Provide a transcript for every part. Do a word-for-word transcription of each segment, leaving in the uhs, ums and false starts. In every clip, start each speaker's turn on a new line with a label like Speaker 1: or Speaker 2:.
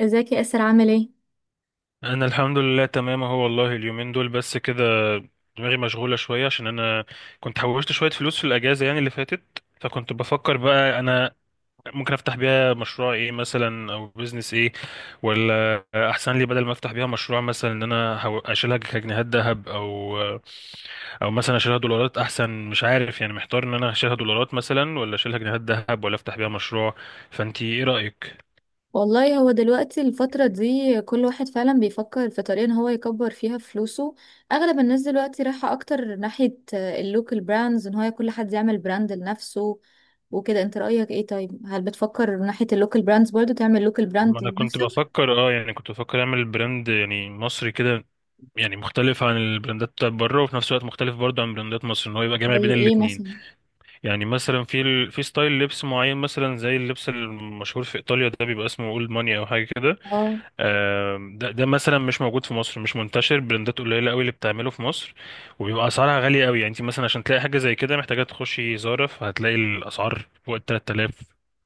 Speaker 1: ازيك يا اسر، عامل ايه؟
Speaker 2: انا الحمد لله تمام اهو، والله اليومين دول بس كده. دماغي مشغوله شويه عشان انا كنت حوشت شويه فلوس في الاجازه، يعني اللي فاتت. فكنت بفكر بقى انا ممكن افتح بيها مشروع ايه مثلا، او بزنس ايه، ولا احسن لي بدل ما افتح بيها مشروع مثلا ان انا هو- اشيلها كجنيهات ذهب، او او مثلا اشيلها دولارات احسن. مش عارف يعني، محتار ان انا اشيلها دولارات مثلا، ولا اشيلها جنيهات ذهب، ولا افتح بيها مشروع. فانتي ايه رايك؟
Speaker 1: والله، هو دلوقتي الفترة دي كل واحد فعلا بيفكر في طريقة ان هو يكبر فيها فلوسه. اغلب الناس دلوقتي رايحة اكتر ناحية اللوكال براندز ان هو كل حد يعمل براند لنفسه وكده. انت رأيك ايه؟ طيب، هل بتفكر من ناحية اللوكال براندز برضو تعمل لوكال
Speaker 2: ما
Speaker 1: براند
Speaker 2: انا كنت
Speaker 1: لنفسك؟
Speaker 2: بفكر اه يعني، كنت بفكر اعمل براند يعني مصري كده، يعني مختلف عن البراندات بتاعت بره، وفي نفس الوقت مختلف برضه عن براندات مصر، ان هو يبقى جامع بين
Speaker 1: زي ايه
Speaker 2: الاتنين.
Speaker 1: مثلا؟
Speaker 2: يعني مثلا في ال... في ستايل لبس معين، مثلا زي اللبس المشهور في ايطاليا ده، بيبقى اسمه اولد ماني او حاجه كده.
Speaker 1: اه.
Speaker 2: آم، ده ده مثلا مش موجود في مصر، مش منتشر. براندات قليله قوي اللي بتعمله في مصر، وبيبقى اسعارها غاليه قوي. يعني انت مثلا عشان تلاقي حاجه زي كده، محتاجه تخشي زارا، فهتلاقي الاسعار فوق ال ثلاثة آلاف،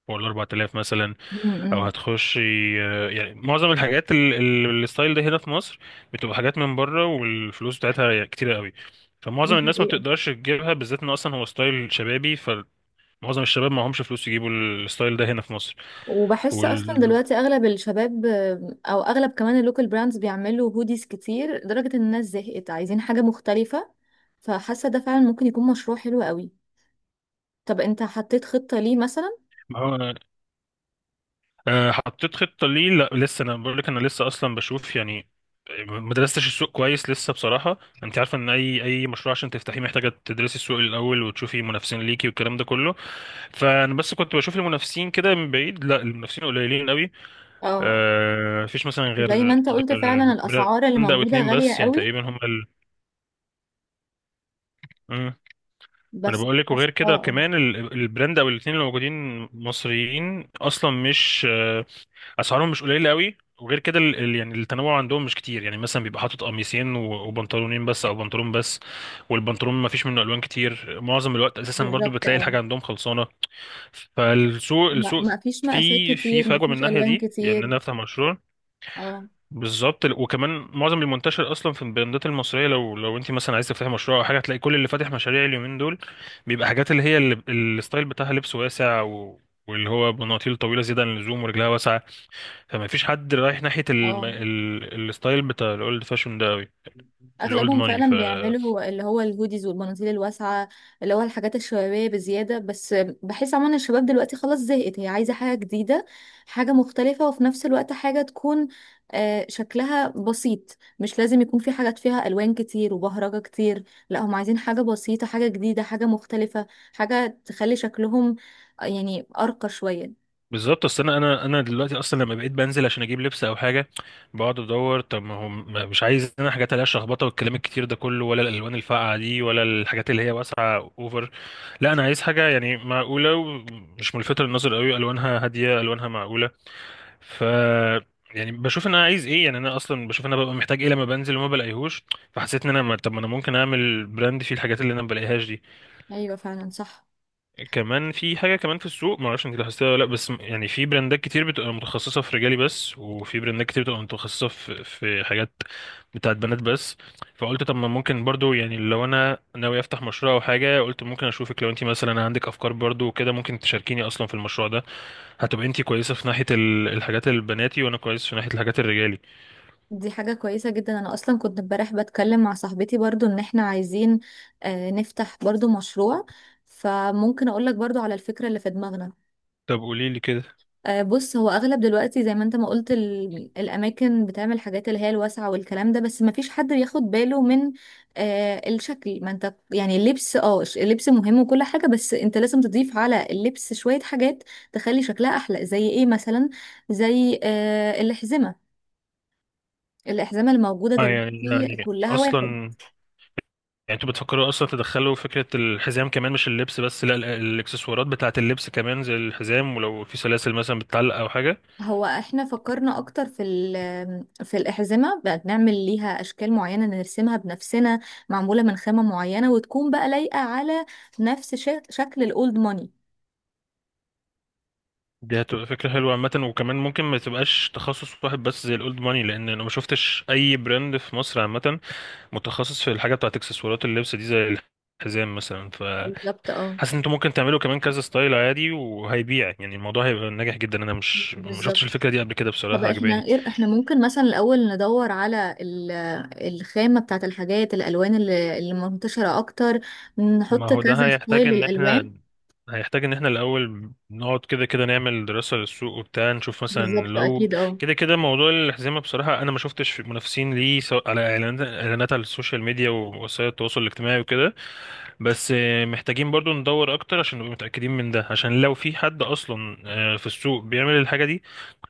Speaker 2: فوق ال اربعة آلاف مثلا،
Speaker 1: امم
Speaker 2: او هتخشي. آه، يعني معظم الحاجات ال- ال- الستايل ده هنا في مصر بتبقى حاجات من بره، والفلوس بتاعتها يعني كتيرة قوي، فمعظم الناس ما بتقدرش تجيبها، بالذات ان اصلا هو ستايل شبابي، فمعظم الشباب معهمش فلوس يجيبوا الستايل ده هنا في مصر.
Speaker 1: وبحس اصلا
Speaker 2: وال...
Speaker 1: دلوقتي اغلب الشباب، آه، او اغلب كمان اللوكال براندز بيعملوا هوديز كتير لدرجة ان الناس زهقت عايزين حاجة مختلفة. فحاسة ده فعلا ممكن يكون مشروع حلو قوي. طب انت حطيت خطة ليه مثلا؟
Speaker 2: ما هو آه، حطيت خطة ليه؟ لا، لسه. انا بقول لك، انا لسه اصلا بشوف يعني، ما درستش السوق كويس لسه بصراحة. انت عارفة ان اي اي مشروع عشان تفتحيه، محتاجة تدرسي السوق الاول، وتشوفي منافسين ليكي، والكلام ده كله. فانا بس كنت بشوف المنافسين كده من بعيد، لا، المنافسين قليلين قوي.
Speaker 1: اه.
Speaker 2: آه مفيش مثلا
Speaker 1: زي ما
Speaker 2: غير
Speaker 1: انت قلت،
Speaker 2: غير
Speaker 1: فعلا الاسعار اللي
Speaker 2: براند او
Speaker 1: موجودة
Speaker 2: اتنين
Speaker 1: غالية
Speaker 2: بس يعني،
Speaker 1: قوي.
Speaker 2: تقريبا هم ال... مم. انا
Speaker 1: بس
Speaker 2: بقول لك.
Speaker 1: حاسة،
Speaker 2: وغير كده
Speaker 1: اه اه.
Speaker 2: كمان، ال- البراند او الاتنين اللي موجودين مصريين اصلا، مش آه، اسعارهم مش قليله قوي، وغير كده ال... ال- يعني التنوع عندهم مش كتير. يعني مثلا بيبقى حاطط قميصين و... وبنطلونين بس، او بنطلون بس، والبنطلون ما فيش منه الوان كتير، معظم الوقت اساسا، برضو
Speaker 1: بالظبط،
Speaker 2: بتلاقي
Speaker 1: اه.
Speaker 2: الحاجه عندهم خلصانه. فالسوق،
Speaker 1: ما
Speaker 2: السوق
Speaker 1: ما فيش مقاسات
Speaker 2: في في
Speaker 1: كتير، ما
Speaker 2: فجوه من
Speaker 1: فيش
Speaker 2: الناحيه
Speaker 1: الوان
Speaker 2: دي، يعني ان
Speaker 1: كتير.
Speaker 2: انا افتح مشروع.
Speaker 1: اه
Speaker 2: بالظبط. ال- وكمان معظم المنتشر اصلا في البراندات المصريه، لو لو انت مثلا عايز تفتحي مشروع او حاجه، هتلاقي كل اللي فاتح مشاريع اليومين دول بيبقى حاجات، اللي هي اللي... الستايل بتاعها لبس واسع، و... واللي هو بناطيل طويله زياده عن اللزوم، ورجلها واسعه. فما فيش حد رايح ناحية الم...
Speaker 1: اه.
Speaker 2: ال... الستايل بتاع الاولد فاشون ده قوي، الاولد
Speaker 1: اغلبهم
Speaker 2: ماني. ف
Speaker 1: فعلا بيعملوا اللي هو الهوديز والبناطيل الواسعه، اللي هو الحاجات الشبابيه بزياده بس. بحس عموما الشباب دلوقتي خلاص زهقت، هي عايزه حاجه جديده، حاجه مختلفه، وفي نفس الوقت حاجه تكون آه، شكلها بسيط، مش لازم يكون في حاجات فيها الوان كتير وبهرجه كتير. لا، هم عايزين حاجه بسيطه، حاجه جديده، حاجه مختلفه، حاجه تخلي شكلهم آه، يعني ارقى شويه.
Speaker 2: بالظبط. اصل انا انا انا دلوقتي اصلا لما بقيت بنزل عشان اجيب لبس او حاجه، بقعد ادور. طب ما هو ما- مش عايز انا حاجات عليها شخبطه والكلام الكتير ده كله، ولا الالوان الفاقعه دي، ولا الحاجات اللي هي واسعه اوفر، لا انا عايز حاجه يعني معقوله، ومش ملفته للنظر قوي، الوانها هاديه، الوانها معقوله. ف يعني بشوف ان انا عايز ايه، يعني انا اصلا بشوف ان انا ببقى محتاج ايه لما بنزل وما بلاقيهوش. فحسيت ان انا ما- طب ما انا ممكن اعمل براند فيه الحاجات اللي انا ما بلاقيهاش دي.
Speaker 1: ايوه، فعلا صح.
Speaker 2: كمان في حاجه كمان في السوق، ما اعرفش انت لاحظتها ولا لا، بس م- يعني في براندات كتير بتبقى متخصصه في رجالي بس، وفي براندات كتير بتبقى متخصصه في في حاجات بتاعت بنات بس. فقلت، طب ما ممكن برضو، يعني لو انا ناوي افتح مشروع او حاجه، قلت ممكن اشوفك لو انت مثلا عندك افكار برضو وكده، ممكن تشاركيني اصلا في المشروع ده. هتبقى انتي كويسة في ناحية ال- الحاجات البناتي، وانا كويس في ناحية الحاجات الرجالي.
Speaker 1: دي حاجة كويسة جدا. أنا أصلا كنت امبارح بتكلم مع صاحبتي برضو، إن إحنا عايزين آه، نفتح برضو مشروع. فممكن أقولك برضو على الفكرة اللي في دماغنا.
Speaker 2: طب قولي لي كده.
Speaker 1: آه، بص، هو أغلب دلوقتي زي ما أنت ما قلت ال- الأماكن بتعمل حاجات اللي هي الواسعة والكلام ده، بس مفيش حد بياخد باله من آه، الشكل. ما أنت يعني اللبس، اه ش- اللبس مهم وكل حاجة، بس أنت لازم تضيف على اللبس شوية حاجات تخلي شكلها أحلى. زي إيه مثلا؟ زي آه، الأحزمة. الأحزمة الموجودة
Speaker 2: اه يعني
Speaker 1: دلوقتي
Speaker 2: يعني
Speaker 1: كلها واحد.
Speaker 2: اصلا، يعني انتوا بتفكروا اصلا تدخلوا فكرة الحزام كمان، مش اللبس بس، لا ال- الاكسسوارات بتاعة اللبس كمان، زي الحزام، ولو في سلاسل مثلا بتتعلق او حاجة.
Speaker 1: هو احنا فكرنا اكتر في ال- في الاحزمه بقى، بنعمل ليها اشكال معينه نرسمها بنفسنا، معموله من خامه معينه، وتكون بقى لايقه على نفس شك- شكل الاولد ماني.
Speaker 2: دي هتبقى فكرة حلوة عامة. وكمان ممكن ما تبقاش تخصص واحد بس زي الاولد ماني، لان انا ما شفتش اي براند في مصر عامة متخصص في الحاجة بتاعة اكسسوارات اللبس دي، زي الحزام مثلا.
Speaker 1: بالظبط، اه.
Speaker 2: حاسس ان انتوا ممكن تعملوا كمان كذا ستايل عادي، وهيبيع يعني، الموضوع هيبقى ناجح جدا. انا مش ما شفتش
Speaker 1: بالظبط.
Speaker 2: الفكره دي قبل كده،
Speaker 1: طب
Speaker 2: بصراحه عجباني.
Speaker 1: احنا ايه، احنا ممكن مثلا الاول ندور على ال- الخامه بتاعت الحاجات، الالوان اللي اللي منتشره اكتر،
Speaker 2: ما
Speaker 1: نحط
Speaker 2: هو ده
Speaker 1: كذا
Speaker 2: هيحتاج
Speaker 1: ستايل
Speaker 2: ان
Speaker 1: للالوان.
Speaker 2: احنا هيحتاج ان احنا الاول نقعد كده كده نعمل دراسه للسوق وبتاع، نشوف مثلا
Speaker 1: بالظبط،
Speaker 2: لو
Speaker 1: اكيد اه.
Speaker 2: كده كده. موضوع الحزمه بصراحه، انا ما شفتش منافسين ليه، سواء على اعلانات إعلانات على السوشيال ميديا ووسائل التواصل الاجتماعي وكده. بس آه، محتاجين برضو ندور اكتر عشان نبقى متأكدين من ده، عشان لو في حد اصلا آه، في السوق بيعمل الحاجة دي،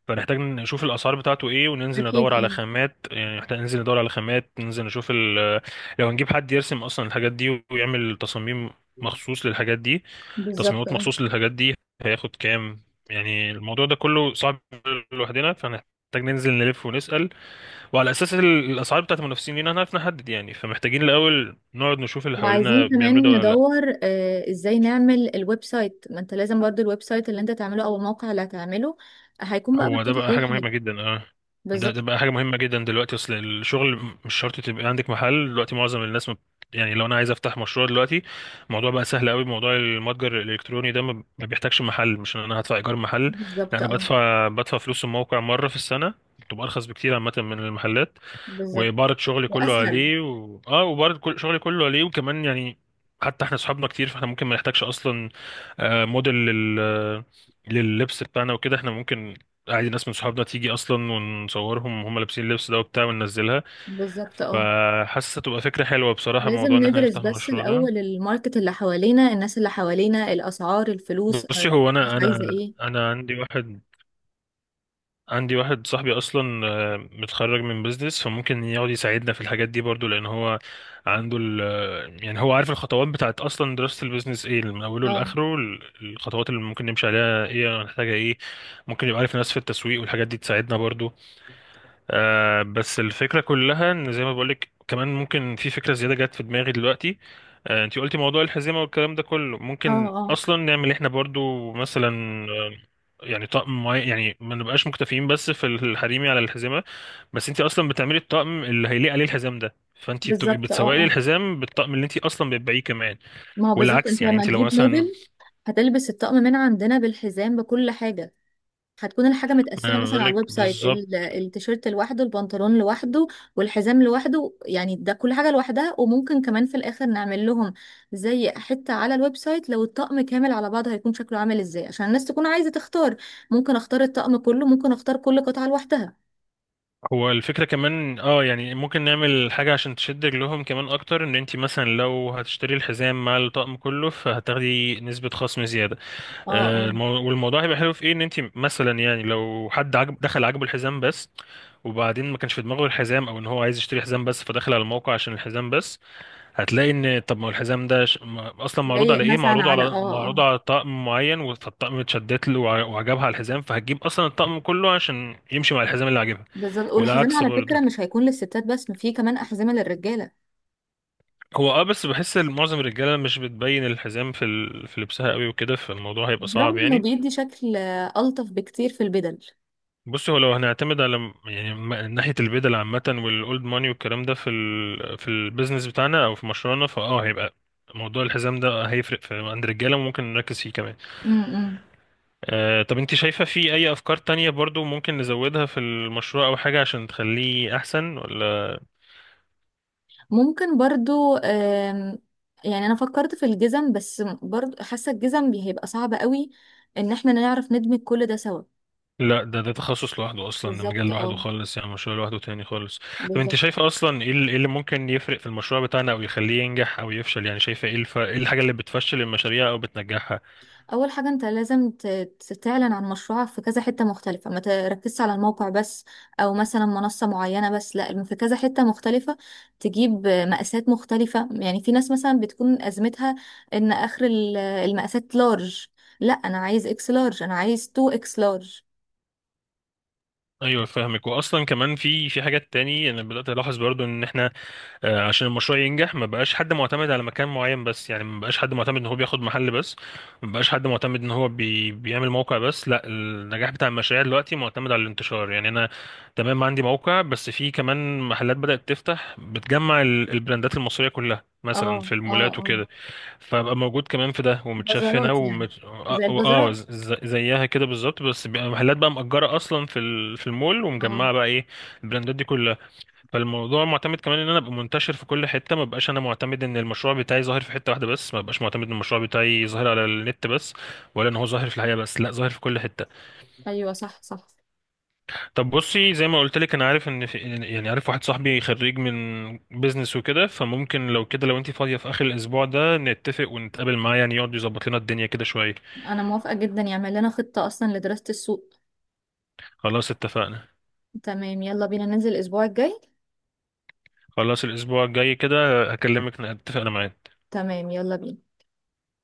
Speaker 2: فنحتاج نشوف الاسعار بتاعته ايه، وننزل
Speaker 1: اكيد
Speaker 2: ندور على
Speaker 1: اه.
Speaker 2: خامات، يعني نحتاج ننزل ندور على خامات، ننزل نشوف ال... لو هنجيب حد يرسم اصلا الحاجات دي ويعمل تصاميم مخصوص للحاجات دي،
Speaker 1: بالظبط.
Speaker 2: تصميمات مخصوص للحاجات دي هياخد كام، يعني الموضوع ده كله صعب لوحدنا، فنحتاج ننزل نلف ونسأل، وعلى اساس ال- الاسعار بتاعت المنافسين لينا هنعرف نحدد يعني. فمحتاجين الاول نقعد نشوف اللي حوالينا
Speaker 1: وعايزين
Speaker 2: بيعملوا ده
Speaker 1: كمان
Speaker 2: ولا لا.
Speaker 1: ندور آه، ازاي نعمل الويب سايت، ما انت لازم برضو الويب سايت اللي انت تعمله او الموقع اللي هتعمله هيكون بقى
Speaker 2: هو ده
Speaker 1: محطوط
Speaker 2: بقى
Speaker 1: عليه
Speaker 2: حاجه
Speaker 1: الحاجة.
Speaker 2: مهمه جدا، اه. ده
Speaker 1: بالظبط.
Speaker 2: ده بقى حاجه مهمه جدا دلوقتي. اصل الشغل مش شرط تبقى عندك محل دلوقتي، معظم الناس ما بت- يعني لو انا عايز افتح مشروع دلوقتي، الموضوع بقى سهل قوي. موضوع المتجر الالكتروني ده ما ما بيحتاجش محل، مش ان انا هدفع ايجار محل، لا
Speaker 1: بالظبط،
Speaker 2: انا
Speaker 1: اه.
Speaker 2: بدفع بدفع فلوس الموقع مره في السنه، بتبقى ارخص بكتير عامه من المحلات.
Speaker 1: بالظبط،
Speaker 2: وإبارة شغلي كله
Speaker 1: واسهل.
Speaker 2: عليه و... اه وإبارة كل... شغلي كله عليه وكمان يعني حتى احنا صحابنا كتير، فاحنا ممكن ما نحتاجش اصلا آه، موديل لل... لللبس بتاعنا وكده. احنا ممكن عادي ناس من صحابنا تيجي اصلا، ونصورهم وهم لابسين اللبس ده وبتاع، وننزلها.
Speaker 1: بالظبط، اه.
Speaker 2: فحاسه تبقى فكره حلوه بصراحه،
Speaker 1: لازم
Speaker 2: موضوع ان احنا
Speaker 1: ندرس
Speaker 2: نفتح
Speaker 1: بس
Speaker 2: المشروع ده.
Speaker 1: الاول الماركت اللي حوالينا، الناس اللي حوالينا، الاسعار، الفلوس، آه،
Speaker 2: بصي، هو
Speaker 1: الناس
Speaker 2: انا
Speaker 1: عايزة
Speaker 2: انا
Speaker 1: ايه.
Speaker 2: انا عندي واحد، عندي واحد صاحبي اصلا آه، متخرج من بيزنس، فممكن يقعد يساعدنا في الحاجات دي برضو، لان هو عنده ال آه، يعني هو عارف الخطوات بتاعت اصلا دراسة البيزنس ايه من اوله
Speaker 1: اه
Speaker 2: لاخره، ال- الخطوات اللي ممكن نمشي عليها ايه، هنحتاجها ايه، ممكن يبقى عارف ناس في التسويق والحاجات دي تساعدنا برضو. آه بس الفكرة كلها ان زي ما بقولك، كمان ممكن في فكرة زيادة جت في دماغي دلوقتي. آه انتي قلتي موضوع الحزمة والكلام ده كله،
Speaker 1: اه
Speaker 2: ممكن
Speaker 1: اه.
Speaker 2: اصلا نعمل احنا برضو مثلا آه، يعني طقم معين، يعني ما نبقاش مكتفيين بس في الحريمي على الحزمة، بس انتي اصلا بتعملي الطقم اللي هيليق عليه الحزام ده، فانتي بتبقي
Speaker 1: بالظبط، اه
Speaker 2: بتسوقي لي
Speaker 1: اه.
Speaker 2: الحزام بالطقم اللي انتي اصلا بتبيعيه كمان.
Speaker 1: ما هو بالظبط، انت
Speaker 2: والعكس، يعني
Speaker 1: لما
Speaker 2: انتي لو
Speaker 1: تجيب
Speaker 2: مثلا،
Speaker 1: موديل هتلبس الطقم من عندنا بالحزام بكل حاجة. هتكون الحاجة متقسمة
Speaker 2: انا بقول
Speaker 1: مثلا على
Speaker 2: لك،
Speaker 1: الويب سايت، ال- التيشيرت لوحده، البنطلون لوحده، والحزام لوحده. يعني ده كل حاجة لوحدها، وممكن كمان في الآخر نعمل لهم زي حتة على الويب سايت لو الطقم كامل على بعضه هيكون شكله عامل ازاي، عشان الناس تكون عايزة تختار. ممكن اختار الطقم كله، ممكن اختار كل قطعة لوحدها.
Speaker 2: هو الفكرة كمان اه يعني ممكن نعمل حاجة عشان تشد رجلهم كمان اكتر، ان انت مثلا لو هتشتري الحزام مع الطقم كله، فهتاخدي نسبة خصم زيادة.
Speaker 1: اه
Speaker 2: آه،
Speaker 1: اه،
Speaker 2: المو- والموضوع هيبقى حلو في ايه، ان انت مثلا يعني لو حد عجب، دخل عجبه الحزام بس، وبعدين ما كانش في دماغه الحزام، او ان هو عايز يشتري حزام بس فدخل على الموقع عشان الحزام بس، هتلاقي ان، طب ما هو الحزام ده ش... ما- اصلا معروض
Speaker 1: لايق
Speaker 2: على ايه،
Speaker 1: مثلا
Speaker 2: معروض
Speaker 1: على اه
Speaker 2: على
Speaker 1: اه
Speaker 2: معروض
Speaker 1: آه.
Speaker 2: على طقم معين، فالطقم اتشدت له وع- وعجبها الحزام، فهتجيب اصلا الطقم كله عشان يمشي مع الحزام اللي عجبها.
Speaker 1: بالظبط. والحزام
Speaker 2: والعكس
Speaker 1: على فكرة
Speaker 2: برضه.
Speaker 1: مش هيكون للستات بس، في كمان أحزمة للرجالة.
Speaker 2: هو اه بس بحس ان معظم الرجاله مش بتبين الحزام في ال... في لبسها قوي وكده، فالموضوع هيبقى صعب
Speaker 1: برغم انه
Speaker 2: يعني.
Speaker 1: بيدي شكل آه، ألطف بكتير في البدل.
Speaker 2: بص، هو لو هنعتمد على م- يعني م- ناحيه البدل عامه والاولد ماني والكلام ده في ال... في البيزنس بتاعنا او في مشروعنا، فاه هيبقى موضوع الحزام ده هيفرق في عند الرجاله، وممكن نركز فيه كمان.
Speaker 1: امم.
Speaker 2: آه طب انت شايفه في اي افكار تانية برضو ممكن نزودها في المشروع او حاجه عشان تخليه احسن ولا؟
Speaker 1: ممكن برضو، آم، يعني انا فكرت في الجزم، بس برضو حاسه الجزم بي- هيبقى صعب قوي ان احنا نعرف ندمج كل ده سوا.
Speaker 2: لا، ده ده تخصص لوحده اصلا، ده مجال
Speaker 1: بالظبط،
Speaker 2: لوحده
Speaker 1: اه.
Speaker 2: خالص، يعني مشروع لوحده تاني خالص. طب انت
Speaker 1: بالظبط.
Speaker 2: شايفه اصلا ايه، ال- إيه اللي ممكن يفرق في المشروع بتاعنا او يخليه ينجح او يفشل، يعني شايفه ايه، الف... ايه الحاجه اللي بتفشل المشاريع او بتنجحها؟
Speaker 1: اول حاجه انت لازم ت- ت- تعلن عن مشروعك في كذا حته مختلفه، ما تركزش على الموقع بس او مثلا منصه معينه بس. لا، في كذا حته مختلفه، تجيب مقاسات مختلفه. يعني في ناس مثلا بتكون ازمتها ان اخر ال- المقاسات لارج. لا انا عايز اكس لارج، انا عايز اتنين اكس لارج.
Speaker 2: ايوه فاهمك. واصلا كمان في في حاجات تاني انا بدات الاحظ برضو، ان احنا آه، عشان المشروع ينجح، ما بقاش حد معتمد على مكان معين بس، يعني ما بقاش حد معتمد ان هو بياخد محل بس، ما بقاش حد معتمد ان هو بي... بيعمل موقع بس، لا النجاح بتاع المشاريع دلوقتي معتمد على الانتشار. يعني انا تمام عندي موقع، بس في كمان محلات بدأت تفتح بتجمع ال- البراندات المصرية كلها مثلا
Speaker 1: اه
Speaker 2: في
Speaker 1: اه
Speaker 2: المولات
Speaker 1: اه.
Speaker 2: وكده، فبقى موجود كمان في ده، ومتشاف هنا،
Speaker 1: بازارات يعني،
Speaker 2: ومت... اه
Speaker 1: زي
Speaker 2: آه،
Speaker 1: البازارات.
Speaker 2: ز- ز- زيها كده بالظبط، بس بقى محلات بقى مأجرة اصلا في ال... في المول،
Speaker 1: اه.
Speaker 2: ومجمعة بقى ايه، البراندات دي كلها. فالموضوع معتمد كمان ان انا ابقى منتشر في كل حته، ما بقاش انا معتمد ان المشروع بتاعي ظاهر في حته واحده بس، ما بقاش معتمد ان المشروع بتاعي ظاهر على النت بس، ولا ان هو ظاهر في الحقيقه بس، لا ظاهر في كل حته.
Speaker 1: ايوه، صح صح.
Speaker 2: طب بصي، زي ما قلت لك، انا عارف ان في يعني عارف واحد صاحبي خريج من بيزنس وكده، فممكن لو كده، لو انت فاضيه في اخر الاسبوع ده، نتفق ونتقابل معاه، يعني يقعد يظبط لنا الدنيا كده شويه.
Speaker 1: انا موافقة جدا، يعمل لنا خطة اصلا لدراسة السوق.
Speaker 2: خلاص اتفقنا،
Speaker 1: تمام، يلا بينا ننزل الاسبوع الجاي.
Speaker 2: خلاص الاسبوع الجاي كده هكلمك، نتفق انا معاه.
Speaker 1: تمام، يلا بينا.